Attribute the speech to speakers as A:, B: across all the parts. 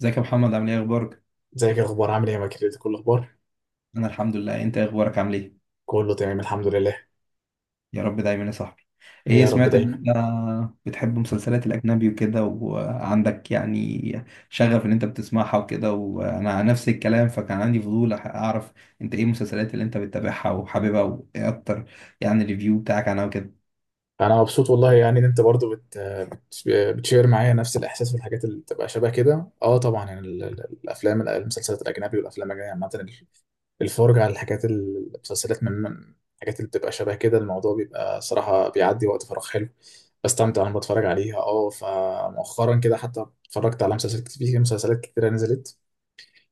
A: ازيك يا محمد، عامل ايه؟ اخبارك؟
B: ازيك يا اخبار، عامل ايه، يا كده كل الاخبار.
A: انا الحمد لله. انت إيه اخبارك؟ عامل ايه؟
B: كله تمام الحمد لله.
A: يا رب دايما يا صاحبي.
B: ايه،
A: ايه،
B: يا رب
A: سمعت ان
B: دايما.
A: انت بتحب مسلسلات الاجنبي وكده، وعندك يعني شغف ان انت بتسمعها وكده، وانا عن نفس الكلام، فكان عندي فضول اعرف انت ايه المسلسلات اللي انت بتتابعها وحاببها وايه اكتر، يعني الريفيو بتاعك عنها وكده.
B: انا مبسوط والله، يعني ان انت برضو بتشير معايا نفس الاحساس والحاجات اللي بتبقى شبه كده. اه طبعا، يعني الافلام المسلسلات الاجنبي والافلام الاجنبيه عامه، الفرجه على الحاجات، المسلسلات من الحاجات اللي بتبقى شبه كده. الموضوع بيبقى صراحه بيعدي وقت فراغ حلو، بستمتع وانا بتفرج عليها، اه. فمؤخرا كده حتى اتفرجت على مسلسلات كتير، مسلسلات كتيره نزلت.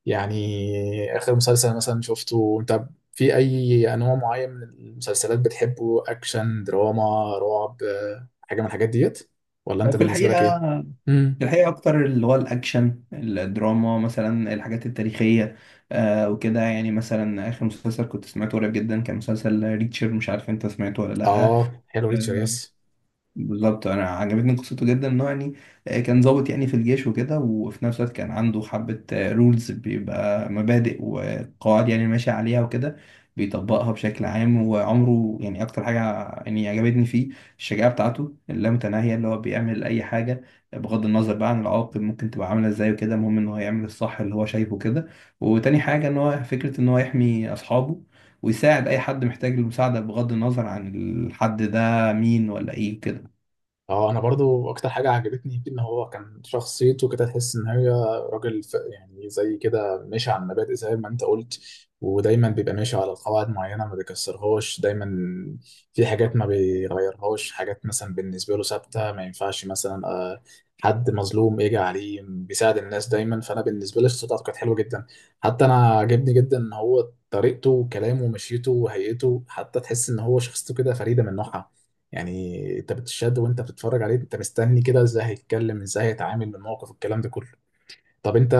B: يعني آخر مسلسل مثلا شفته أنت؟ في أي أنواع معين من المسلسلات بتحبه، أكشن دراما رعب، حاجة من الحاجات ديت، ولا أنت
A: في
B: بالنسبة لك
A: الحقيقة،
B: إيه؟ امم
A: الحقيقة أكتر اللي هو الأكشن، الدراما، مثلا الحاجات التاريخية. آه وكده، يعني مثلا آخر مسلسل كنت سمعته قريب جدا كان مسلسل ريتشر، مش عارف أنت سمعته ولا لأ؟
B: آه، حلو، ريتشارد يس.
A: بالظبط، انا عجبتني قصته جدا، انه يعني كان ضابط يعني في الجيش وكده، وفي نفس الوقت كان عنده حبة رولز، بيبقى مبادئ وقواعد يعني ماشي عليها وكده، بيطبقها بشكل عام. وعمره يعني اكتر حاجة يعني عجبتني فيه الشجاعة بتاعته اللامتناهية، اللي هو بيعمل اي حاجة بغض النظر بقى عن العواقب، ممكن تبقى عاملة ازاي وكده، المهم ان هو يعمل الصح اللي هو شايفه كده. وتاني حاجة ان هو فكرة ان هو يحمي اصحابه، ويساعد اي حد محتاج المساعدة بغض النظر عن الحد ده مين ولا ايه وكده.
B: اه، انا برضو اكتر حاجه عجبتني فيه ان هو كان شخصيته كده تحس ان هي راجل، يعني زي كده ماشي على المبادئ زي ما انت قلت. ودايما بيبقى ماشي على قواعد معينه، ما بيكسرهاش دايما. في حاجات ما بيغيرهاش، حاجات مثلا بالنسبه له ثابته، ما ينفعش مثلا حد مظلوم يجي عليه، بيساعد الناس دايما. فانا بالنسبه لي شخصيته كانت حلوه جدا. حتى انا عجبني جدا ان هو طريقته وكلامه ومشيته وهيئته، حتى تحس ان هو شخصيته كده فريده من نوعها. يعني انت بتشد وانت بتتفرج عليه، انت مستني كده ازاي هيتكلم، ازاي هيتعامل من الموقف، الكلام ده كله. طب انت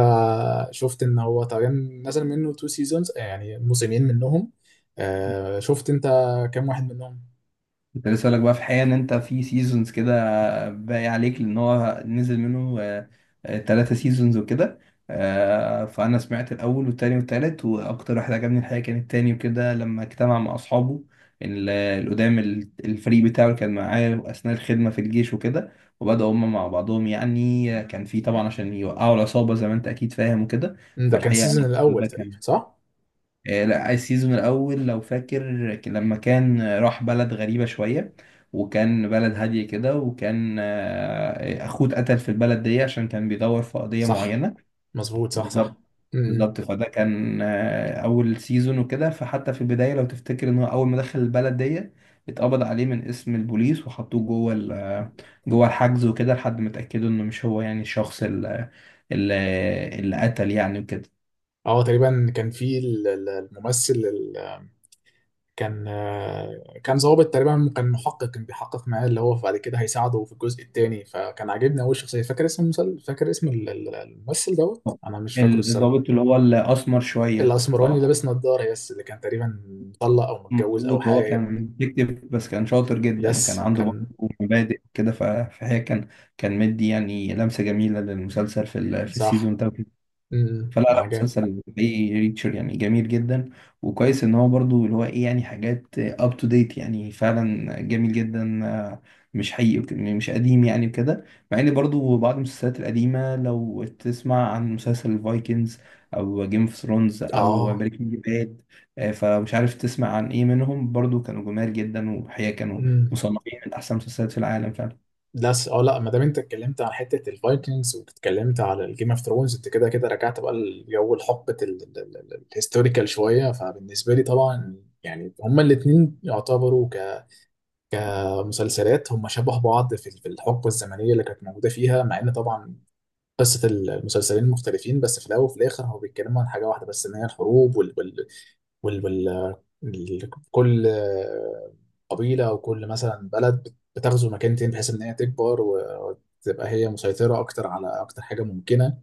B: شفت ان هو تقريبا نزل منه تو سيزونز، يعني موسمين منهم. آه، شفت انت كام واحد منهم؟
A: كنت لسه هقولك بقى في حقيقة ان انت في سيزونز كده باقي عليك، لان هو نزل منه 3 سيزونز وكده. فانا سمعت الاول والتاني والتالت، واكتر واحد عجبني الحقيقة كان التاني وكده، لما اجتمع مع اصحابه القدام الفريق بتاعه اللي كان معاه اثناء الخدمة في الجيش وكده، وبدأوا هما مع بعضهم، يعني كان في طبعا عشان يوقعوا العصابة زي ما انت اكيد فاهم وكده.
B: ده كان
A: فالحقيقة
B: سيزون
A: يعني
B: الاول
A: ده
B: تقريبا
A: كان
B: صح.
A: لا، السيزون الأول لو فاكر، لما كان راح بلد غريبة شوية، وكان بلد هادية كده، وكان أخوه اتقتل في البلد دي عشان كان بيدور في قضية
B: صح
A: معينة.
B: مظبوط، صح صح.
A: بالظبط.
B: امم
A: فده كان أول سيزون وكده، فحتى في البداية لو تفتكر إن هو أول ما دخل البلد دي اتقبض عليه من اسم البوليس وحطوه جوه جوه الحجز وكده، لحد ما اتأكدوا إنه مش هو يعني الشخص ال- اللي قتل يعني وكده.
B: اه تقريبا كان في الممثل، كان كان ظابط تقريبا، كان محقق، كان بيحقق معاه اللي هو بعد كده هيساعده في الجزء الثاني، فكان عاجبني قوي الشخصيه. فاكر اسم فاكر اسم الممثل دوت؟ انا مش فاكره الصراحه.
A: الضابط اللي هو الأسمر شوية،
B: الاسمراني
A: آه.
B: اللي
A: صح؟
B: لابس نضاره، يس، اللي كان تقريبا مطلق او متجوز او
A: مظبوط، هو
B: حاجه.
A: كان بيكتب بس كان شاطر جدا، وكان
B: يس
A: عنده برضه
B: كان.
A: مبادئ كده. فهي كان مدي يعني لمسة جميلة للمسلسل في
B: صح.
A: السيزون ده. فلا، لا،
B: عجب.
A: مسلسل حقيقي ريتشر يعني جميل جدا، وكويس ان هو برضو اللي هو ايه يعني حاجات اب تو ديت، يعني فعلا جميل جدا. مش حقيقي، مش قديم يعني وكده. مع ان برضو بعض المسلسلات القديمه، لو تسمع عن مسلسل الفايكنجز او جيم اوف ثرونز او
B: اه.
A: بريكنج باد، فمش عارف تسمع عن ايه منهم، برضو كانوا جمال جدا، وحقيقة كانوا
B: امم
A: مصنفين من احسن المسلسلات في العالم فعلا.
B: لا، اه لا، ما دام انت اتكلمت عن حته الفايكنجز واتكلمت على الجيم اوف ثرونز، انت كده كده رجعت بقى الجو لحقبه الهيستوريكال شويه. فبالنسبه لي طبعا، يعني هما الاثنين يعتبروا كمسلسلات هما شبه بعض، في الحقبه الزمنيه اللي كانت موجوده فيها. مع ان طبعا قصه المسلسلين مختلفين، بس في الاول وفي الاخر هو بيتكلموا عن حاجه واحده، بس ان هي الحروب وال وال كل قبيلة أو كل مثلا بلد بتغزو مكانتين بحيث إن هي تكبر وتبقى هي مسيطرة أكتر على أكتر حاجة ممكنة.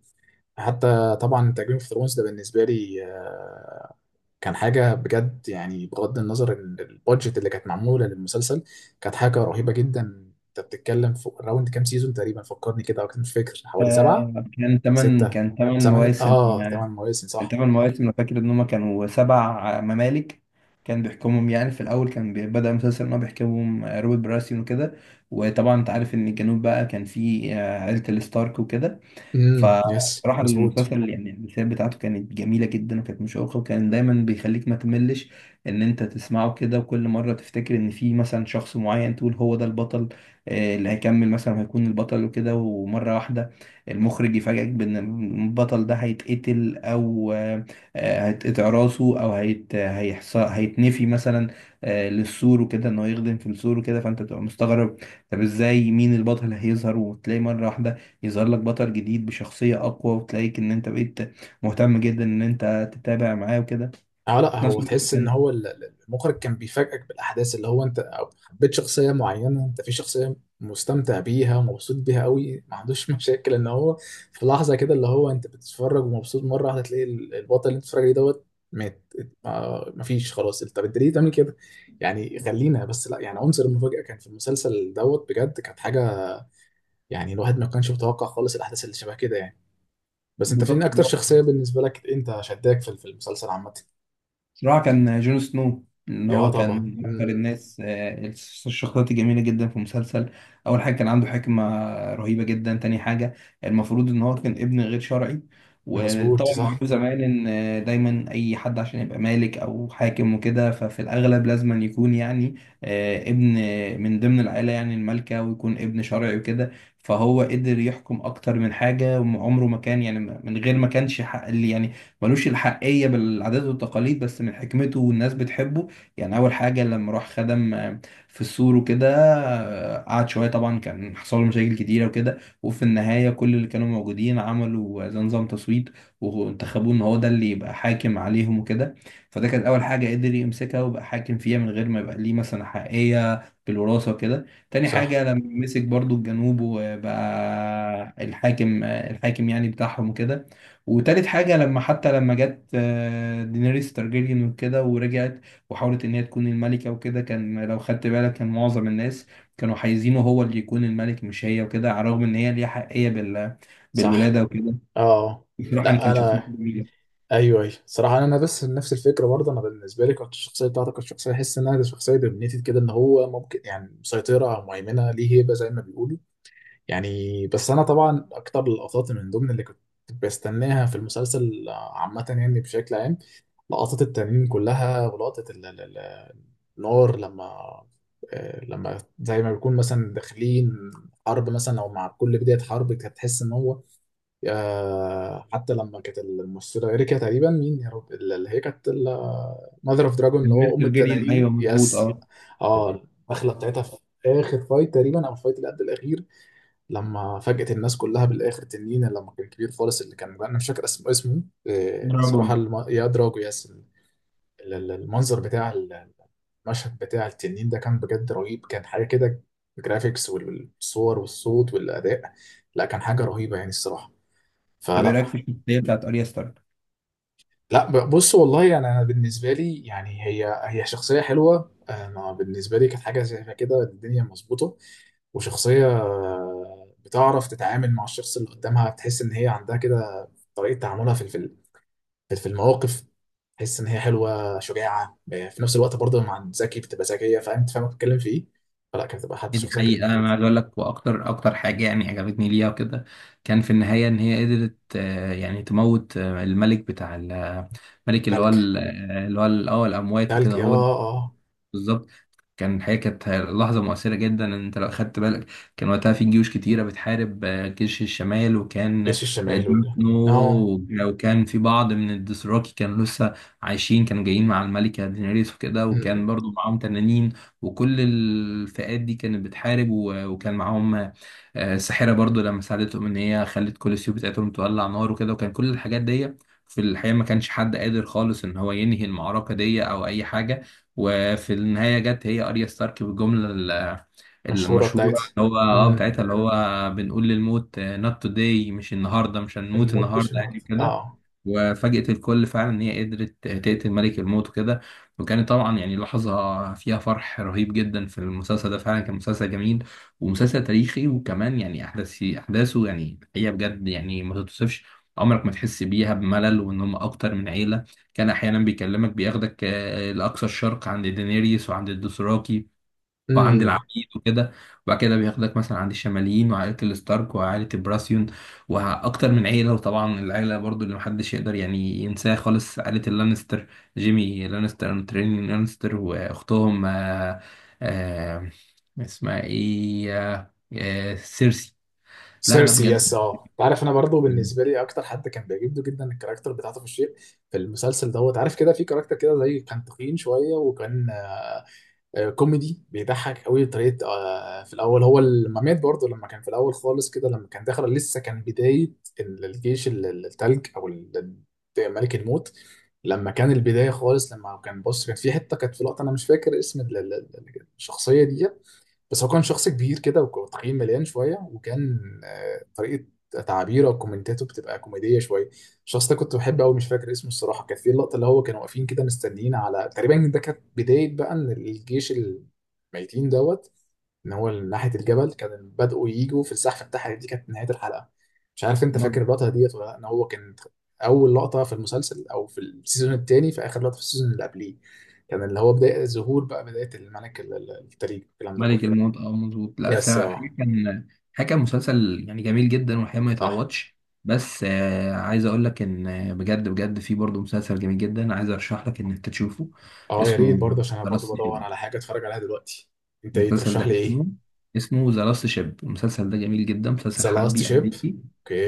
B: حتى طبعا تجربة اوف ثرونز ده بالنسبة لي كان حاجة بجد. يعني بغض النظر إن البادجت اللي كانت معمولة للمسلسل كانت حاجة رهيبة جدا. أنت بتتكلم في راوند كام سيزون تقريبا، فكرني كده أكتر، مش فاكر، حوالي سبعة.
A: كان تمن
B: ستة،
A: كان تمن
B: ثمانية،
A: مواسم.
B: آه تمن مواسم
A: كان
B: صح.
A: تمن مواسم، انا فاكر ان هما كانوا 7 ممالك. كان بيحكمهم يعني في الاول، كان بدأ المسلسل ان هو بيحكمهم روبرت براسيون وكده. وطبعا انت عارف ان الجنوب بقى كان فيه عيلة الستارك وكده.
B: يس
A: فراح
B: مظبوط.
A: المسلسل يعني الرسالة بتاعته كانت جميلة جدا وكانت مشوقة، وكان دايما بيخليك ما تملش ان انت تسمعه كده. وكل مرة تفتكر ان في مثلا شخص معين تقول هو ده البطل، اللي هيكمل مثلا هيكون البطل وكده، ومرة واحدة المخرج يفاجئك بان البطل ده هيتقتل، او هيتقطع راسه، او هيتنفي مثلا للسور وكده، انه يخدم في السور وكده. فانت تبقى مستغرب، طب ازاي، مين البطل هيظهر؟ وتلاقي مرة واحدة يظهر لك بطل جديد بشخصية أقوى، وتلاقيك إن أنت بقيت مهتم جدا إن أنت تتابع معاه وكده.
B: اه لا،
A: في نفس
B: هو
A: الوقت
B: تحس ان
A: كان.
B: هو المخرج كان بيفاجئك بالاحداث اللي هو انت أو حبيت شخصيه معينه، انت في شخصيه مستمتع بيها ومبسوط بيها قوي، ما عندوش مشاكل ان هو في لحظه كده اللي هو انت بتتفرج ومبسوط، مره واحده تلاقي البطل اللي انت بتتفرج عليه دوت مات. آه، مفيش خلاص. طب انت ليه تعمل كده؟ يعني خلينا بس، لا يعني عنصر المفاجاه كان في المسلسل دوت بجد كانت حاجه، يعني الواحد ما كانش متوقع خالص الاحداث اللي شبه كده، يعني. بس انت فين
A: بالظبط.
B: اكتر شخصيه بالنسبه لك انت شداك في المسلسل عامه؟
A: بصراحة كان جون سنو، إن
B: يا
A: هو كان
B: طبعا.
A: من أكتر
B: مم.
A: الناس الشخصيات الجميلة جدا في المسلسل. أول حاجة كان عنده حكمة رهيبة جدا. تاني حاجة، المفروض إن هو كان ابن غير شرعي،
B: مظبوط،
A: وطبعا
B: صح
A: معروف زمان إن دايما أي حد عشان يبقى مالك أو حاكم وكده، ففي الأغلب لازم يكون يعني ابن من ضمن العائلة يعني المالكة، ويكون ابن شرعي وكده. فهو قدر يحكم أكتر من حاجة، وعمره ما كان يعني من غير ما كانش حق، اللي يعني ملوش الحقية بالعادات والتقاليد، بس من حكمته والناس بتحبه. يعني أول حاجة لما راح خدم في السور وكده، قعد شوية، طبعا كان حصل له مشاكل كتيرة وكده، وفي النهاية كل اللي كانوا موجودين عملوا زي نظام تصويت، وانتخبوه إن هو ده اللي يبقى حاكم عليهم وكده. فده كانت أول حاجة قدر يمسكها ويبقى حاكم فيها من غير ما يبقى ليه مثلا حقيقية بالوراثة وكده. تاني
B: صح.
A: حاجة لما مسك برضو الجنوب، وبقى الحاكم يعني بتاعهم وكده. وتالت حاجة لما حتى لما جت دينيريس تارجيريان وكده، ورجعت وحاولت إن هي تكون الملكة وكده، كان لو خدت بالك كان معظم الناس كانوا عايزينه هو اللي يكون الملك مش هي وكده، على الرغم إن هي ليها حقية
B: صح.
A: بالولادة وكده.
B: اه
A: بصراحة أنا
B: لا،
A: كان شخصيته
B: انا
A: جميلة.
B: ايوه ايوه صراحه، انا بس نفس الفكره برضه، انا بالنسبه لي كانت الشخصيه بتاعتي كانت شخصيه احس انها شخصيه دومينيتد كده، ان هو ممكن يعني مسيطره او مهيمنه، ليه هيبه زي ما بيقولوا. يعني بس انا طبعا اكتر اللقطات من ضمن اللي كنت بستناها في المسلسل عامه، يعني بشكل عام لقطات التنين كلها، ولقطه النار لما لما زي ما بيكون مثلا داخلين حرب مثلا، او مع كل بدايه حرب هتحس ان هو حتى لما كانت الممثله اريكا تقريبا، مين يا رب، اللي هي كانت ماذر اوف دراجون اللي هو
A: دينيريس
B: ام
A: تارجيريان،
B: التنانين،
A: أيوه مظبوط،
B: يس.
A: أه.
B: اه الدخله بتاعتها في اخر فايت تقريبا، او الفايت اللي قبل الاخير، لما فاجأت الناس كلها بالاخر تنين لما كان كبير خالص، اللي كان انا مش فاكر اسمه، اسمه
A: دراجون.
B: صراحه يا دراجو، يس. المنظر بتاع المشهد بتاع التنين ده كان بجد رهيب، كان حاجه كده. الجرافيكس والصور والصوت والاداء، لا كان حاجه رهيبه يعني الصراحه.
A: طب إيه رأيك
B: فلا.
A: في الشخصية بتاعت أريا ستارك؟
B: لا، بص والله، يعني انا بالنسبه لي يعني هي شخصيه حلوه، انا بالنسبه لي كانت حاجه شايفها كده الدنيا مظبوطه. وشخصيه بتعرف تتعامل مع الشخص اللي قدامها، تحس ان هي عندها كده طريقه تعاملها في المواقف، تحس ان هي حلوه شجاعه في نفس الوقت برضه مع ذكي بتبقى ذكيه، فاهم انت، فاهم بتتكلم في ايه. فلا، كانت بتبقى حد
A: دي
B: شخصيه كده
A: حقيقة
B: من كده.
A: أنا عايز أقول لك، وأكتر حاجة يعني عجبتني ليها وكده، كان في النهاية إن هي قدرت يعني تموت الملك بتاع الملك، اللي هو
B: تلك.
A: ال- اللي هو ال- اه الأموات
B: تلك،
A: وكده.
B: يا
A: هو
B: اه.
A: بالظبط. كان الحقيقة كانت لحظة مؤثرة جدا، إن انت لو خدت بالك كان وقتها في جيوش كتيرة بتحارب جيش الشمال، وكان
B: جيش
A: آه،
B: الشمال والجنوب.
A: دينو،
B: اه.
A: وكان في بعض من الدوثراكي كانوا لسه عايشين، كانوا جايين مع الملكة دينيريس وكده،
B: م- م.
A: وكان برضو معاهم تنانين، وكل الفئات دي كانت بتحارب، وكان معاهم الساحرة برضو، لما ساعدتهم إن هي خلت كل السيوف بتاعتهم تولع نار وكده. وكان كل الحاجات دي في الحقيقة ما كانش حد قادر خالص إن هو ينهي المعركة دي أو أي حاجة. وفي النهاية جت هي أريا ستارك بالجملة
B: مشهوره
A: المشهورة
B: بتاعت.
A: اللي هو اه
B: م.
A: بتاعتها، اللي هو بنقول للموت not today، مش النهاردة، مش هنموت
B: الموت
A: النهاردة يعني
B: بالشنط
A: كده.
B: اه.
A: وفاجأت الكل فعلا إن هي قدرت تقتل ملك الموت وكده، وكانت طبعا يعني لحظة فيها فرح رهيب جدا. في المسلسل ده فعلا كان مسلسل جميل، ومسلسل تاريخي، وكمان يعني أحداثه يعني هي بجد يعني ما تتوصفش. عمرك ما تحس بيها بملل، وإن هم أكتر من عيلة. كان احيانا بيكلمك بياخدك لاقصى الشرق عند دينيريس وعند الدوثراكي، وعند
B: امم
A: العبيد وكده. وبعد كده بياخدك مثلا عند الشماليين، وعائله الستارك وعائله البراسيون، واكتر من عيله. وطبعا العيله برضو اللي محدش يقدر يعني ينساها خالص، عائله اللانستر، جيمي لانستر وترين لانستر واختهم، آه، اسمها ايه، سيرسي. لا لا
B: سيرسي،
A: بجد.
B: يس. اه، انت عارف انا برضه بالنسبه لي اكتر حد كان بيعجبني جدا الكاركتر بتاعته في الشيء، في المسلسل دوت. عارف كده في كاركتر كده زي كان تخين شويه، وكان كوميدي بيضحك قوي بطريقه، في الاول هو لما مات برضه، لما كان في الاول خالص كده لما كان داخل لسه كان بدايه الجيش التلج، او ملك الموت. لما كان البدايه خالص، لما كان بص كان في حته، كانت في لقطه، انا مش فاكر اسم الشخصيه دي. بس هو كان شخص كبير كده وتخين مليان شويه، وكان طريقه تعابيره وكومنتاته بتبقى كوميديه شويه. الشخص ده كنت بحبه قوي، مش فاكر اسمه الصراحه. كانت في اللقطه اللي هو كانوا واقفين كده مستنيين على تقريبا، ده كانت بدايه بقى ان الجيش الميتين دوت ان هو ناحيه الجبل كان بدأوا يجوا في الزحف بتاعها، دي كانت نهايه الحلقه. مش عارف انت فاكر اللقطه ديت ولا لأ؟ ان هو كان اول لقطه في المسلسل او في السيزون الثاني، في اخر لقطه في السيزون اللي قبليه، كان اللي هو بدايه الظهور بقى، بدايه الملك التلج الكلام ده
A: ملك
B: كله.
A: الموت، اه، مظبوط. لا،
B: يس.
A: الصراحه،
B: اه،
A: الحقيقه كان مسلسل يعني جميل جدا، والحقيقه ما
B: صح.
A: يتعوضش. بس آه عايز اقول لك ان بجد بجد في برضه مسلسل جميل جدا، عايز ارشح لك ان انت تشوفه.
B: اه يا ريت
A: اسمه
B: برضه، عشان انا
A: ذا
B: برضه
A: لاست
B: بدور
A: شيب.
B: على حاجه اتفرج عليها دلوقتي. انت ايه
A: المسلسل
B: ترشح
A: ده
B: لي ايه؟
A: اسمه ذا لاست شيب. المسلسل ده جميل جدا، مسلسل
B: ذا لاست
A: حربي
B: شيب.
A: امريكي.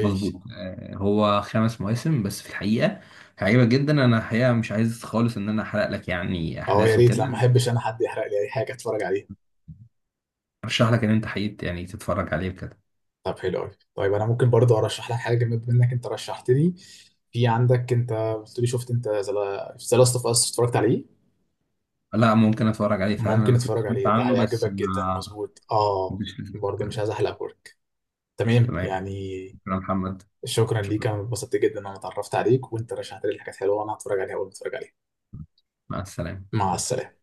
A: مظبوط آه، هو 5 مواسم بس في الحقيقه، هيعجبك جدا. انا الحقيقه مش عايز خالص ان انا احرق لك يعني
B: اه يا
A: احداثه
B: ريت، لا ما
A: كده.
B: احبش انا حد يحرق لي اي حاجه اتفرج عليها.
A: ارشح لك ان انت حقيقة يعني تتفرج عليه بجد.
B: طب حلو قوي. طيب انا ممكن برضه ارشح لك حاجه بما انك انت رشحت لي. في عندك انت قلت لي، شفت انت ذا لاست اوف اس، اتفرجت عليه؟
A: لا، ممكن اتفرج عليه فعلا،
B: ممكن
A: انا كنت
B: اتفرج
A: سمعت
B: عليه، ده
A: عنه بس
B: هيعجبك جدا
A: ما
B: مظبوط
A: ما
B: اه.
A: كنتش لسه
B: برضه مش
A: اتكلم.
B: عايز احلق بورك، تمام
A: تمام.
B: يعني.
A: شكرا محمد.
B: شكرا ليك،
A: شكرا.
B: انا اتبسطت جدا ان انا اتعرفت عليك، وانت رشحت لي حاجات حلوه وانا هتفرج عليها اول ما اتفرج عليها.
A: مع السلامة.
B: مع
A: مع
B: السلامة.
A: السلامة.